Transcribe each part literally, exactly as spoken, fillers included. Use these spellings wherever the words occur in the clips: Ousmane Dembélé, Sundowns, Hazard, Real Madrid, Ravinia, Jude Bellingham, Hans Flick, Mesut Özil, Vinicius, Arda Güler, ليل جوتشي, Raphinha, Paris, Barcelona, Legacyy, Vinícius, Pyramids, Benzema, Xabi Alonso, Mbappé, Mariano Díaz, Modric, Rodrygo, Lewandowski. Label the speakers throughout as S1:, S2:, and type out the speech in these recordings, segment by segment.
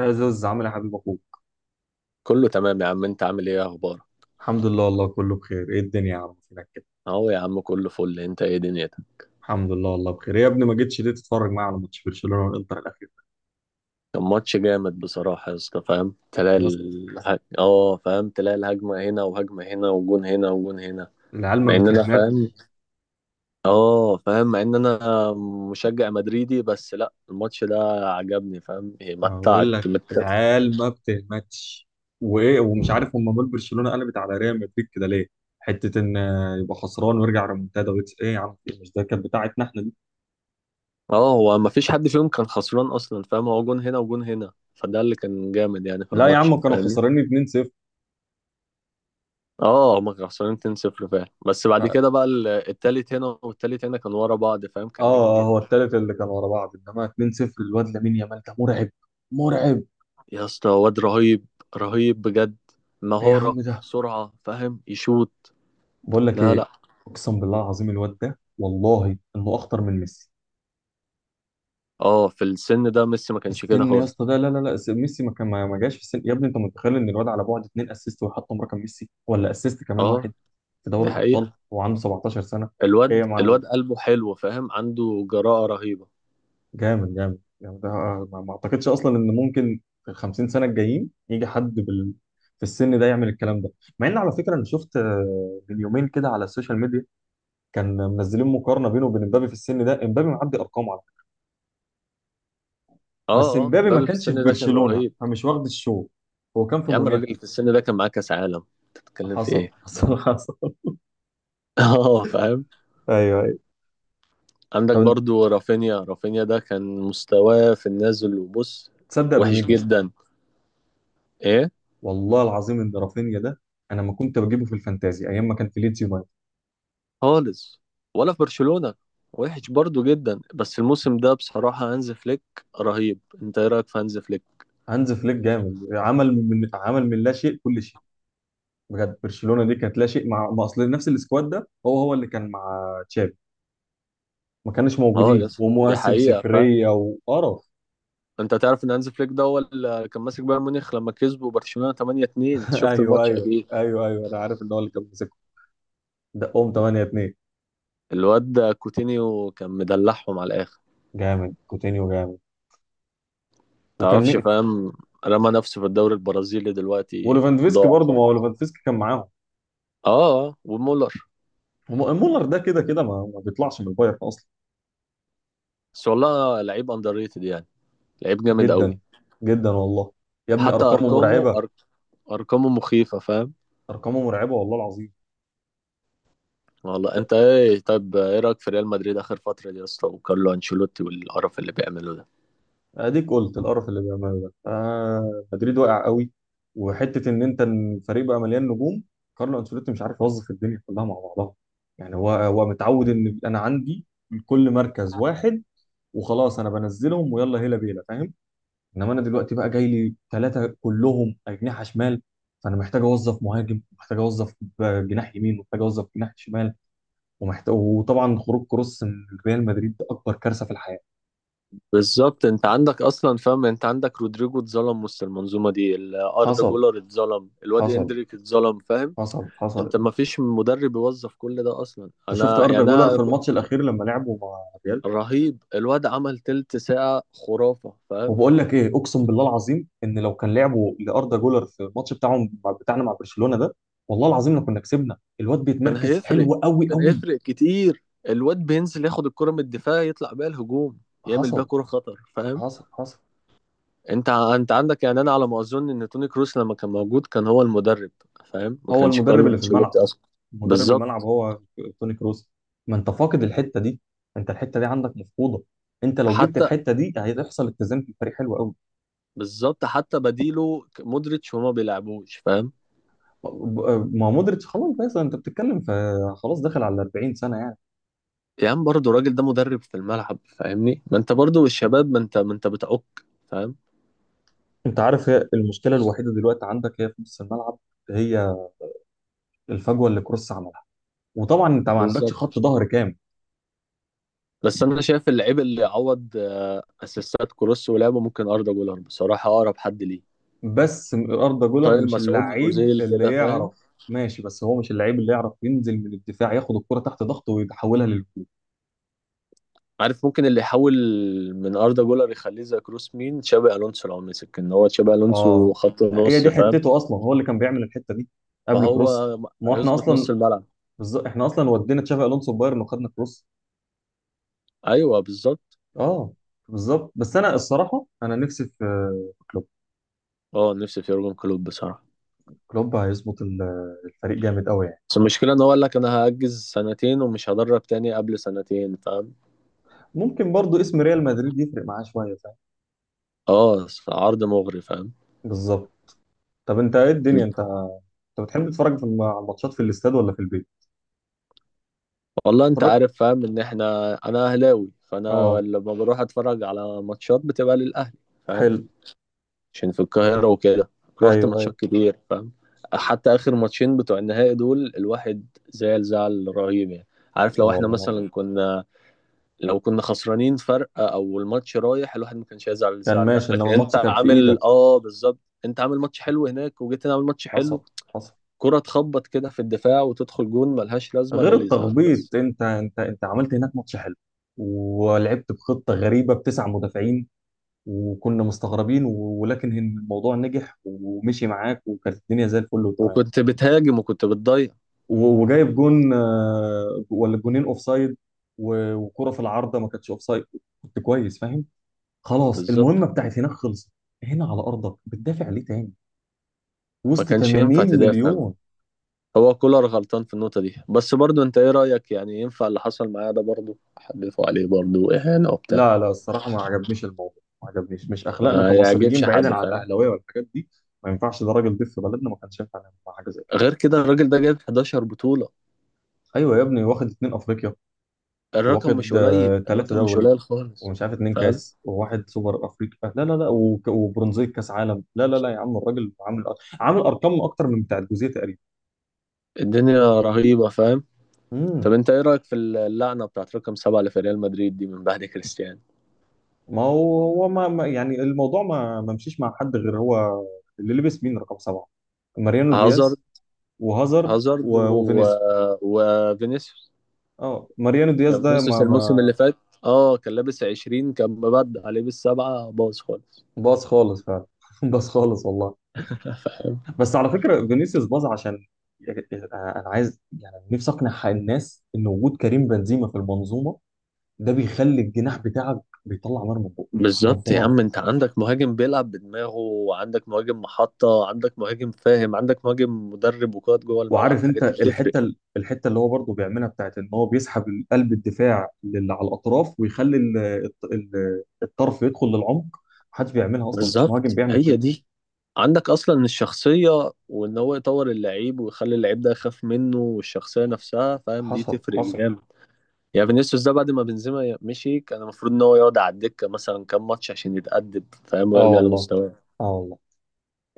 S1: يا زوز عامل إيه يا حبيب اخوك.
S2: كله تمام يا عم. انت عامل ايه؟ إيه اخبارك؟
S1: الحمد لله والله كله بخير. ايه الدنيا يا عم؟ فينك كده؟
S2: اهو يا عم كله فل. انت ايه دنيتك؟
S1: الحمد لله والله بخير. إيه يا ابني ما جيتش ليه تتفرج معايا على ماتش برشلونه والانتر الاخير؟
S2: كان ماتش جامد بصراحة يا اسطى، فاهم، تلاقي
S1: يا اسطى
S2: الهج... اه فاهم تلاقي الهجمة هنا وهجمة هنا وجون هنا وجون هنا،
S1: العيال ما
S2: مع ان انا فاهم.
S1: بتهمتش.
S2: اه فاهم، مع ان انا مشجع مدريدي بس لا الماتش ده عجبني، فاهم ايه
S1: أنا
S2: متعك
S1: بقول لك
S2: مت...
S1: العيال ما بتهمتش. وايه، ومش عارف هم مال برشلونه قلبت على ريال مدريد كده ليه. حته ان آه، يبقى خسران ويرجع ريمونتادا ويكس، ايه يا عم، في إيه؟ مش ده كانت بتاعتنا احنا دي.
S2: اه، هو ما فيش حد فيهم كان خسران اصلا، فاهم، هو جون هنا وجون هنا، فده اللي كان جامد يعني في
S1: لا يا
S2: الماتش
S1: عم كانوا
S2: فاهم.
S1: خسرانين اتنين صفر.
S2: اه هما كانوا خسرانين اتنين صفر فعلا، بس
S1: ف-
S2: بعد
S1: اه
S2: كده بقى ال- التالت هنا والتالت هنا، كانوا ورا بعض، فاهم، كان جامد
S1: اه
S2: جدا.
S1: هو التالت اللي كان ورا بعض انما اتنين صفر. الواد لامين يامال ده مرعب، مرعب.
S2: يا اسطى واد رهيب، رهيب بجد.
S1: ايه يا
S2: مهارة،
S1: عم ده،
S2: سرعة، فاهم، يشوط.
S1: بقول لك
S2: لا
S1: ايه،
S2: لا
S1: اقسم بالله العظيم الواد ده والله انه اخطر من ميسي.
S2: اه في السن ده ميسي ما
S1: في
S2: كانش كده
S1: السن يا
S2: خالص.
S1: اسطى ده لا لا لا، ميسي ما كان ما ما جاش. في السن يا ابني، انت متخيل ان الواد على بعد اتنين اسيست ويحطم رقم ميسي؟ ولا اسيست كمان
S2: اه
S1: واحد في
S2: دي
S1: دوري الابطال
S2: حقيقة.
S1: وعنده سبعتاشر سنة سنه. ايه يا
S2: الواد
S1: معلم،
S2: الواد قلبه حلو، فاهم، عنده جراءة رهيبة.
S1: جامد جامد يعني، ده ما ما اعتقدش اصلا ان ممكن في ال خمسين سنة سنه الجايين يجي حد بال... في السن ده يعمل الكلام ده. مع ان على فكره انا شفت آه، من يومين كده على السوشيال ميديا كان منزلين مقارنه بينه وبين امبابي في السن ده، امبابي معدي ارقامه. بس
S2: اه اه
S1: امبابي ما
S2: مبابي في
S1: كانش في
S2: السن ده كان
S1: برشلونة
S2: رهيب.
S1: فمش واخد الشو، هو كان في
S2: يا عم الراجل
S1: موناكو.
S2: في السن ده كان معاه كأس عالم، تتكلم في
S1: حصل
S2: ايه؟
S1: حصل حصل.
S2: اه فاهم.
S1: ايوه ايوه.
S2: عندك
S1: طب انت
S2: برضو رافينيا، رافينيا ده كان مستواه في النازل وبص،
S1: تصدق
S2: وحش
S1: بمين يا اسطى؟
S2: جدا. ايه؟
S1: والله العظيم ان رافينيا ده انا ما كنت بجيبه في الفانتازي ايام ما كان في ليدز يونايتد.
S2: خالص، ولا في برشلونة، وحش برضو جدا. بس الموسم ده بصراحة هانز فليك رهيب. انت ايه رأيك في هانز فليك؟
S1: هانز فليك جامد، عمل من، عمل من لا شيء كل شيء. بجد برشلونة دي كانت لا شيء، مع ما اصل نفس السكواد ده هو هو اللي كان مع تشافي ما كانش
S2: اه
S1: موجودين،
S2: يس، دي
S1: ومواسم
S2: حقيقة فاهم.
S1: صفريه وقرف.
S2: انت تعرف ان هانز فليك ده هو اللي كان ماسك بايرن ميونخ لما كسبوا برشلونة تمنية اتنين؟ انت شفت
S1: ايوه
S2: الماتش
S1: ايوه
S2: اكيد.
S1: ايوه ايوه، انا عارف ان هو اللي كان ماسكه. دقهم ثمانية 2.
S2: الواد ده كوتينيو كان مدلعهم على الاخر.
S1: جامد كوتينيو جامد. وكان
S2: تعرفش
S1: مين؟
S2: فاهم، رمى نفسه في الدوري البرازيلي دلوقتي
S1: وليفاندوفسكي
S2: ضاع
S1: برضه، ما هو
S2: خالص.
S1: ليفاندوفسكي كان معاهم.
S2: اه اه ومولر.
S1: هم- مولر ده كده كده ما, ما بيطلعش من البايرن اصلا.
S2: بس والله لعيب اندر ريتد يعني، لعيب جامد قوي.
S1: جدا، جدا والله. يا ابني
S2: حتى
S1: ارقامه
S2: ارقامه
S1: مرعبه.
S2: أر... ارقامه مخيفه فاهم.
S1: ارقامه مرعبه والله العظيم.
S2: والله انت ايه؟ طيب ايه رايك في ريال مدريد اخر فتره دي يا اسطى، وكارلو انشيلوتي والقرف اللي بيعمله ده؟
S1: اديك قلت القرف اللي بيعمله ده، آه مدريد واقع قوي. وحته ان انت الفريق بقى مليان نجوم، كارلو انشيلوتي مش عارف يوظف الدنيا كلها مع بعضها. يعني هو هو متعود ان انا عندي لكل مركز واحد وخلاص، انا بنزلهم ويلا هيلا بيلا فاهم. انما انا دلوقتي بقى جاي لي ثلاثه كلهم اجنحه شمال، فانا محتاج اوظف مهاجم، محتاج اوظف ب- جناح يمين، ومحتاج اوظف جناح شمال، ومحتاج، وطبعا خروج كروس من ريال مدريد ده اكبر كارثه في الحياه.
S2: بالظبط، انت عندك اصلا، فاهم، انت عندك رودريجو اتظلم وسط المنظومه دي، ال- اردا
S1: حصل
S2: جولر اتظلم، الواد
S1: حصل
S2: اندريك اتظلم، فاهم.
S1: حصل حصل.
S2: انت ما فيش مدرب يوظف كل ده اصلا.
S1: انت شفت
S2: انا يعني
S1: اردا جولر
S2: انا
S1: في
S2: ك-
S1: الماتش الاخير لما لعبوا مع الريال؟
S2: رهيب الواد، عمل تلت ساعه خرافه فاهم.
S1: وبقول لك ايه، اقسم بالله العظيم ان لو كان لعبوا لاردا جولر في الماتش بتاعهم بتاعنا مع برشلونه ده، والله العظيم لو كنا كسبنا، الواد
S2: كان
S1: بيتمركز
S2: هيفرق،
S1: حلو قوي
S2: كان
S1: قوي.
S2: هيفرق كتير. الواد بينزل ياخد الكرة من الدفاع يطلع بيها الهجوم، يعمل بيها
S1: حصل
S2: كرة خطر فاهم.
S1: حصل حصل.
S2: انت ع- انت عندك يعني انا على ما اظن ان توني كروس لما كان موجود كان هو المدرب، فاهم، ما
S1: هو
S2: كانش
S1: المدرب
S2: كارلو
S1: اللي في
S2: انشيلوتي
S1: الملعب،
S2: اصلا.
S1: مدرب الملعب
S2: بالظبط.
S1: هو توني كروس. ما انت فاقد الحته دي، انت الحته دي عندك مفقوده. انت لو جبت
S2: حتى
S1: الحته دي هيحصل اتزان في الفريق حلو قوي.
S2: بالظبط، حتى بديله ك- مودريتش وما بيلعبوش فاهم.
S1: ما مودريتش خلاص، بس انت بتتكلم في، خلاص داخل على اربعين سنة سنه يعني.
S2: يا عم برضه الراجل ده مدرب في الملعب فاهمني، ما انت برضه الشباب، ما انت ما انت بتعك فاهم.
S1: انت عارف، هي المشكله الوحيده دلوقتي عندك هي في نص الملعب، هي الفجوه اللي كروس عملها. وطبعا انت ما عندكش
S2: بالظبط،
S1: خط ظهر كامل.
S2: بس انا شايف اللعيب اللي عوض آه، اسيستات كروس ولعبه ممكن اردا جولر بصراحه اقرب حد ليه.
S1: بس اردا جولر
S2: طاهر
S1: مش
S2: مسعود،
S1: اللعيب
S2: اوزيل
S1: اللي
S2: كده فاهم.
S1: يعرف ماشي، بس هو مش اللعيب اللي يعرف ينزل من الدفاع ياخد الكرة تحت ضغطه ويحولها.
S2: عارف، ممكن اللي يحول من اردا جولر يخليه زي كروس مين؟ تشابي الونسو، لو مسك ان هو تشابي الونسو
S1: اه،
S2: خط
S1: هي
S2: نص
S1: دي
S2: فاهم،
S1: حتته اصلا، هو اللي كان بيعمل الحته دي قبل
S2: فهو
S1: كروس. ما هو احنا
S2: هيظبط نص
S1: اصلا.
S2: الملعب.
S1: بالظبط، احنا اصلا ودينا تشافي الونسو بايرن وخدنا كروس.
S2: ايوه بالظبط.
S1: اه. بالظبط. بس انا الصراحه انا نفسي في، في كلوب.
S2: اه نفسي في يورجن كلوب بصراحه.
S1: كلوب هيظبط ال- الفريق جامد قوي يعني.
S2: بس المشكله ان هو قال لك انا هاجز سنتين ومش هدرب تاني قبل سنتين فاهم.
S1: ممكن برضو اسم ريال مدريد يفرق معاه شويه فاهم.
S2: اه عرض مغري فاهم.
S1: بالظبط. طب انت ايه الدنيا، انت انت بتحب تتفرج في الم- على الماتشات في الاستاد ولا في البيت؟
S2: والله انت
S1: اتفرج.
S2: عارف، فاهم، ان احنا انا اهلاوي، فانا
S1: اه.
S2: لما بروح اتفرج على ماتشات بتبقى للاهلي فاهم.
S1: حلو.
S2: عشان في القاهره وكده، روحت
S1: ايوه ايوه.
S2: ماتشات كتير فاهم. حتى اخر ماتشين بتوع النهائي دول الواحد زعل زعل رهيب يعني. عارف،
S1: اه
S2: لو احنا
S1: والله العظيم.
S2: مثلا كنا، لو كنا خسرانين فرق او الماتش رايح، الواحد ما كانش هيزعل
S1: كان
S2: الزعل ده.
S1: ماشي،
S2: لكن
S1: انما
S2: انت
S1: الماتش كان في
S2: عامل،
S1: ايدك.
S2: اه بالظبط. انت عامل ماتش حلو هناك، وجيت هنا عامل ماتش حلو.
S1: حصل حصل.
S2: كرة تخبط كده في الدفاع وتدخل جون ملهاش لازمة، ده
S1: غير
S2: اللي يزعل بس.
S1: التخبيط انت انت انت عملت هناك ماتش حلو، ولعبت بخطه غريبه بتسع مدافعين وكنا مستغربين و- ولكن هن- الموضوع نجح ومشي معاك وكانت الدنيا زي الفل وتمام.
S2: وكنت بتهاجم وكنت بتضيع،
S1: و- وجايب جون آه، ولا جونين اوف سايد، وكره في العارضه ما كانتش اوف سايد. كنت كويس فاهم، خلاص
S2: بالظبط.
S1: المهمه بتاعت هناك خلصت. هنا على ارضك بتدافع ليه تاني
S2: ما
S1: وسط
S2: كانش ينفع
S1: 80
S2: تدافع بقى.
S1: مليون؟
S2: هو كولر غلطان في النقطة دي، بس برضو انت ايه رأيك؟ يعني ينفع اللي حصل معاه ده؟ برضو حدفوا عليه، برضو اهانة وبتاع.
S1: لا لا، الصراحة ما عجبنيش الموضوع، ما عجبنيش. مش أخلاقنا
S2: ما يعجبش
S1: كمصريين،
S2: حد
S1: بعيدا عن
S2: فاهم.
S1: الأهلاوية والحاجات دي ما ينفعش. ده راجل ضيف في بلدنا، ما كانش ينفع نعمل معاه حاجة زي كده.
S2: غير كده الراجل ده جايب إحدى عشر بطولة،
S1: أيوة يا ابني، واخد اتنين أفريقيا،
S2: الرقم مش
S1: واخد آه
S2: قليل،
S1: تلاتة
S2: الرقم مش
S1: دوري
S2: قليل خالص
S1: ومش عارف اتنين
S2: فاهم.
S1: كاس وواحد سوبر أفريقيا، لا لا لا، وك- وبرونزية كاس عالم، لا لا لا يا عم، الراجل عامل، عامل أرقام أكتر من بتاع الجوزية تقريبا.
S2: الدنيا رهيبة فاهم. طب
S1: امم
S2: انت ايه رأيك في اللعنة بتاعت رقم سبعة اللي في ريال مدريد دي من بعد كريستيانو؟
S1: ما هو هو ما ما- يعني الموضوع ما ما مشيش مع حد غير هو. اللي لبس مين رقم سبعة؟ ماريانو
S2: هازارد،
S1: دياز وهازارد
S2: هازارد و...
S1: و- وفينيسيوس.
S2: وفينيسيوس.
S1: اه ماريانو دياز
S2: يعني
S1: ده ما
S2: فينيسيوس
S1: ما.
S2: الموسم اللي فات، اه، كان لابس عشرين كان مبدع، لابس سبعة باظ خالص.
S1: باظ خالص فعلا باظ خالص والله.
S2: فاهم.
S1: بس على فكره فينيسيوس باظ عشان، انا عايز يعني نفسي اقنع الناس ان وجود كريم بنزيما في المنظومه ده بيخلي الجناح بتاعك بيطلع نار من بقه.
S2: بالظبط يا
S1: جبار.
S2: عم، انت عندك مهاجم بيلعب بدماغه، وعندك مهاجم محطة، عندك مهاجم، فاهم، عندك مهاجم مدرب وقائد جوه الملعب،
S1: وعارف
S2: الحاجات
S1: انت
S2: دي بتفرق.
S1: الحته ال- الحته اللي هو برضه بيعملها بتاعت ان هو بيسحب قلب الدفاع للي على الاطراف ويخلي ال- الط- ال- الطرف يدخل للعمق. محدش بيعملها اصلا، مفيش مهاجم
S2: بالظبط،
S1: بيعمل
S2: هي
S1: كده.
S2: دي. عندك اصلا الشخصية، وان هو يطور اللعيب ويخلي اللعيب ده يخاف منه، والشخصية نفسها فاهم دي
S1: حصل
S2: تفرق
S1: حصل.
S2: جامد. يعني فينيسيوس ده بعد ما بنزيما مشي كان المفروض ان هو يقعد على الدكة مثلا كام ماتش عشان يتأدب فاهم،
S1: اه
S2: ويرجع
S1: والله.
S2: لمستواه.
S1: اه والله.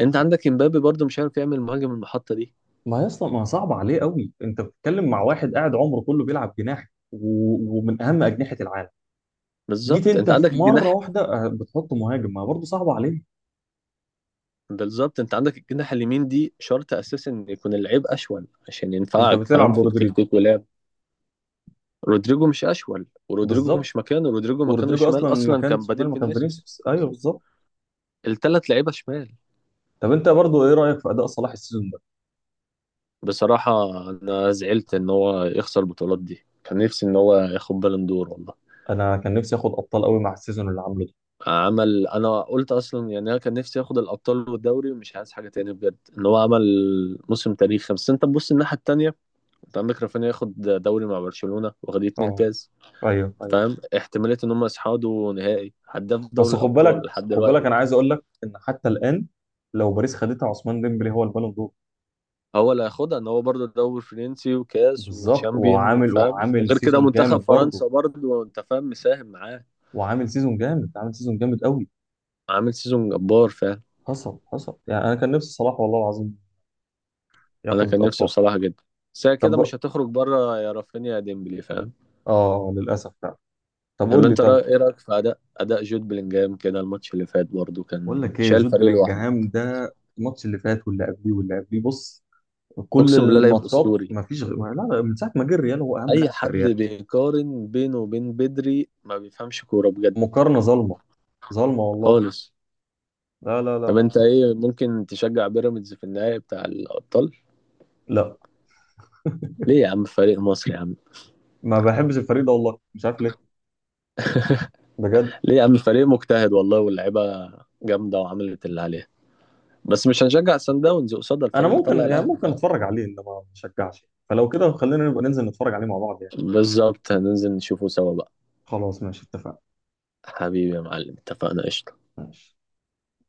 S2: انت عندك امبابي برضو مش عارف يعمل مهاجم المحطة دي.
S1: ما هي اصلا، ما صعب عليه قوي. انت بتتكلم مع واحد قاعد عمره كله بيلعب جناح، و... ومن اهم اجنحه العالم، جيت
S2: بالظبط انت
S1: انت
S2: عندك
S1: في مره
S2: الجناح.
S1: واحده آه، بتحط مهاجم، ما برضه صعب عليه.
S2: بالظبط انت عندك الجناح اليمين دي، شرط اساسا ان يكون اللعيب اشول عشان
S1: انت
S2: ينفعك
S1: بتلعب
S2: فاهم في
S1: برودريجو.
S2: التكتيك ولعب. رودريجو مش اشول، ورودريجو
S1: بالظبط.
S2: مش مكانه، رودريجو مكانه
S1: ورودريجو اصلا
S2: شمال،
S1: ما
S2: اصلا
S1: كان
S2: كان
S1: شمال،
S2: بديل
S1: ما كان
S2: فينيسيوس
S1: فينيسيوس، ايوه
S2: بالظبط.
S1: بالظبط.
S2: الثلاث لعيبة شمال.
S1: طب انت برضه ايه رايك في اداء صلاح السيزون ده؟
S2: بصراحة، انا زعلت ان هو يخسر البطولات دي، كان نفسي ان هو ياخد بالون دور والله.
S1: انا كان نفسي اخد ابطال قوي مع السيزون اللي عامله ده.
S2: عمل، انا قلت اصلا يعني، انا كان نفسي ياخد الابطال والدوري ومش عايز حاجه تاني بجد، ان هو عمل موسم تاريخي. بس انت تبص الناحيه التانيه، انت عندك رافينيا ياخد دوري مع برشلونه، واخد اتنين
S1: اه.
S2: كاس،
S1: ايوه ايوه.
S2: فاهم، احتماليه ان هم يصعدوا نهائي، هداف دوري
S1: بس خد
S2: الابطال
S1: بالك،
S2: لحد
S1: خد بالك،
S2: دلوقتي.
S1: انا عايز اقول لك ان حتى الان لو باريس خدتها، عثمان ديمبلي هو البالون دور.
S2: هو اللي هياخدها، ان هو برضه الدوري الفرنسي وكاس
S1: بالظبط.
S2: وتشامبيون
S1: وعامل،
S2: وفاهم،
S1: وعامل
S2: وغير كده
S1: سيزون
S2: منتخب
S1: جامد برضه.
S2: فرنسا برضه انت فاهم مساهم معاه.
S1: وعامل سيزون جامد، عامل سيزون جامد قوي.
S2: عامل سيزون جبار فاهم.
S1: حصل حصل. يعني انا كان نفسي صلاح والله العظيم
S2: انا كان
S1: ياخد
S2: نفسي
S1: ابطال.
S2: بصراحه جدا. بس هي كده مش
S1: طب.
S2: هتخرج بره، يا رافينيا يا ديمبلي فاهم.
S1: اه للاسف فعلا. طب
S2: طب
S1: قول لي.
S2: انت رأ-
S1: طب،
S2: ايه رايك في اداء اداء جود بلينجهام كده؟ الماتش اللي فات برضه
S1: بقول
S2: كان
S1: لك ايه،
S2: شايل
S1: جود
S2: فريق لوحده.
S1: بلينجهام ده الماتش اللي فات واللي قبليه واللي قبليه، بص، كل
S2: اقسم بالله لعيب
S1: الماتشات،
S2: اسطوري.
S1: ما فيش غير، لا لا، من ساعه ما جه الريال هو اهم
S2: اي
S1: لاعب في
S2: حد
S1: الريال.
S2: بيقارن بينه وبين بدري ما بيفهمش كوره بجد،
S1: مقارنه ظالمه، ظالمه والله.
S2: خالص.
S1: لا لا لا.
S2: طب انت
S1: ما
S2: ايه؟ ممكن تشجع بيراميدز في النهائي بتاع الابطال؟
S1: لا،
S2: ليه يا عم؟ فريق مصري يا عم.
S1: ما بحبش الفريق ده والله، مش عارف ليه، بجد.
S2: ليه يا عم؟ فريق مجتهد والله، واللعيبه جامده وعملت اللي عليها، بس مش هنشجع سان داونز قصاد
S1: انا
S2: الفريق اللي طلع
S1: ممكن يعني
S2: الاهلي
S1: ممكن
S2: فاهم.
S1: اتفرج عليه انما ما اشجعش. فلو كده، خلينا نبقى ننزل نتفرج عليه مع بعض يعني.
S2: بالظبط، هننزل نشوفه سوا بقى.
S1: خلاص ماشي، اتفقنا.
S2: حبيبي يا معلم، اتفقنا، قشطة.
S1: ماشي.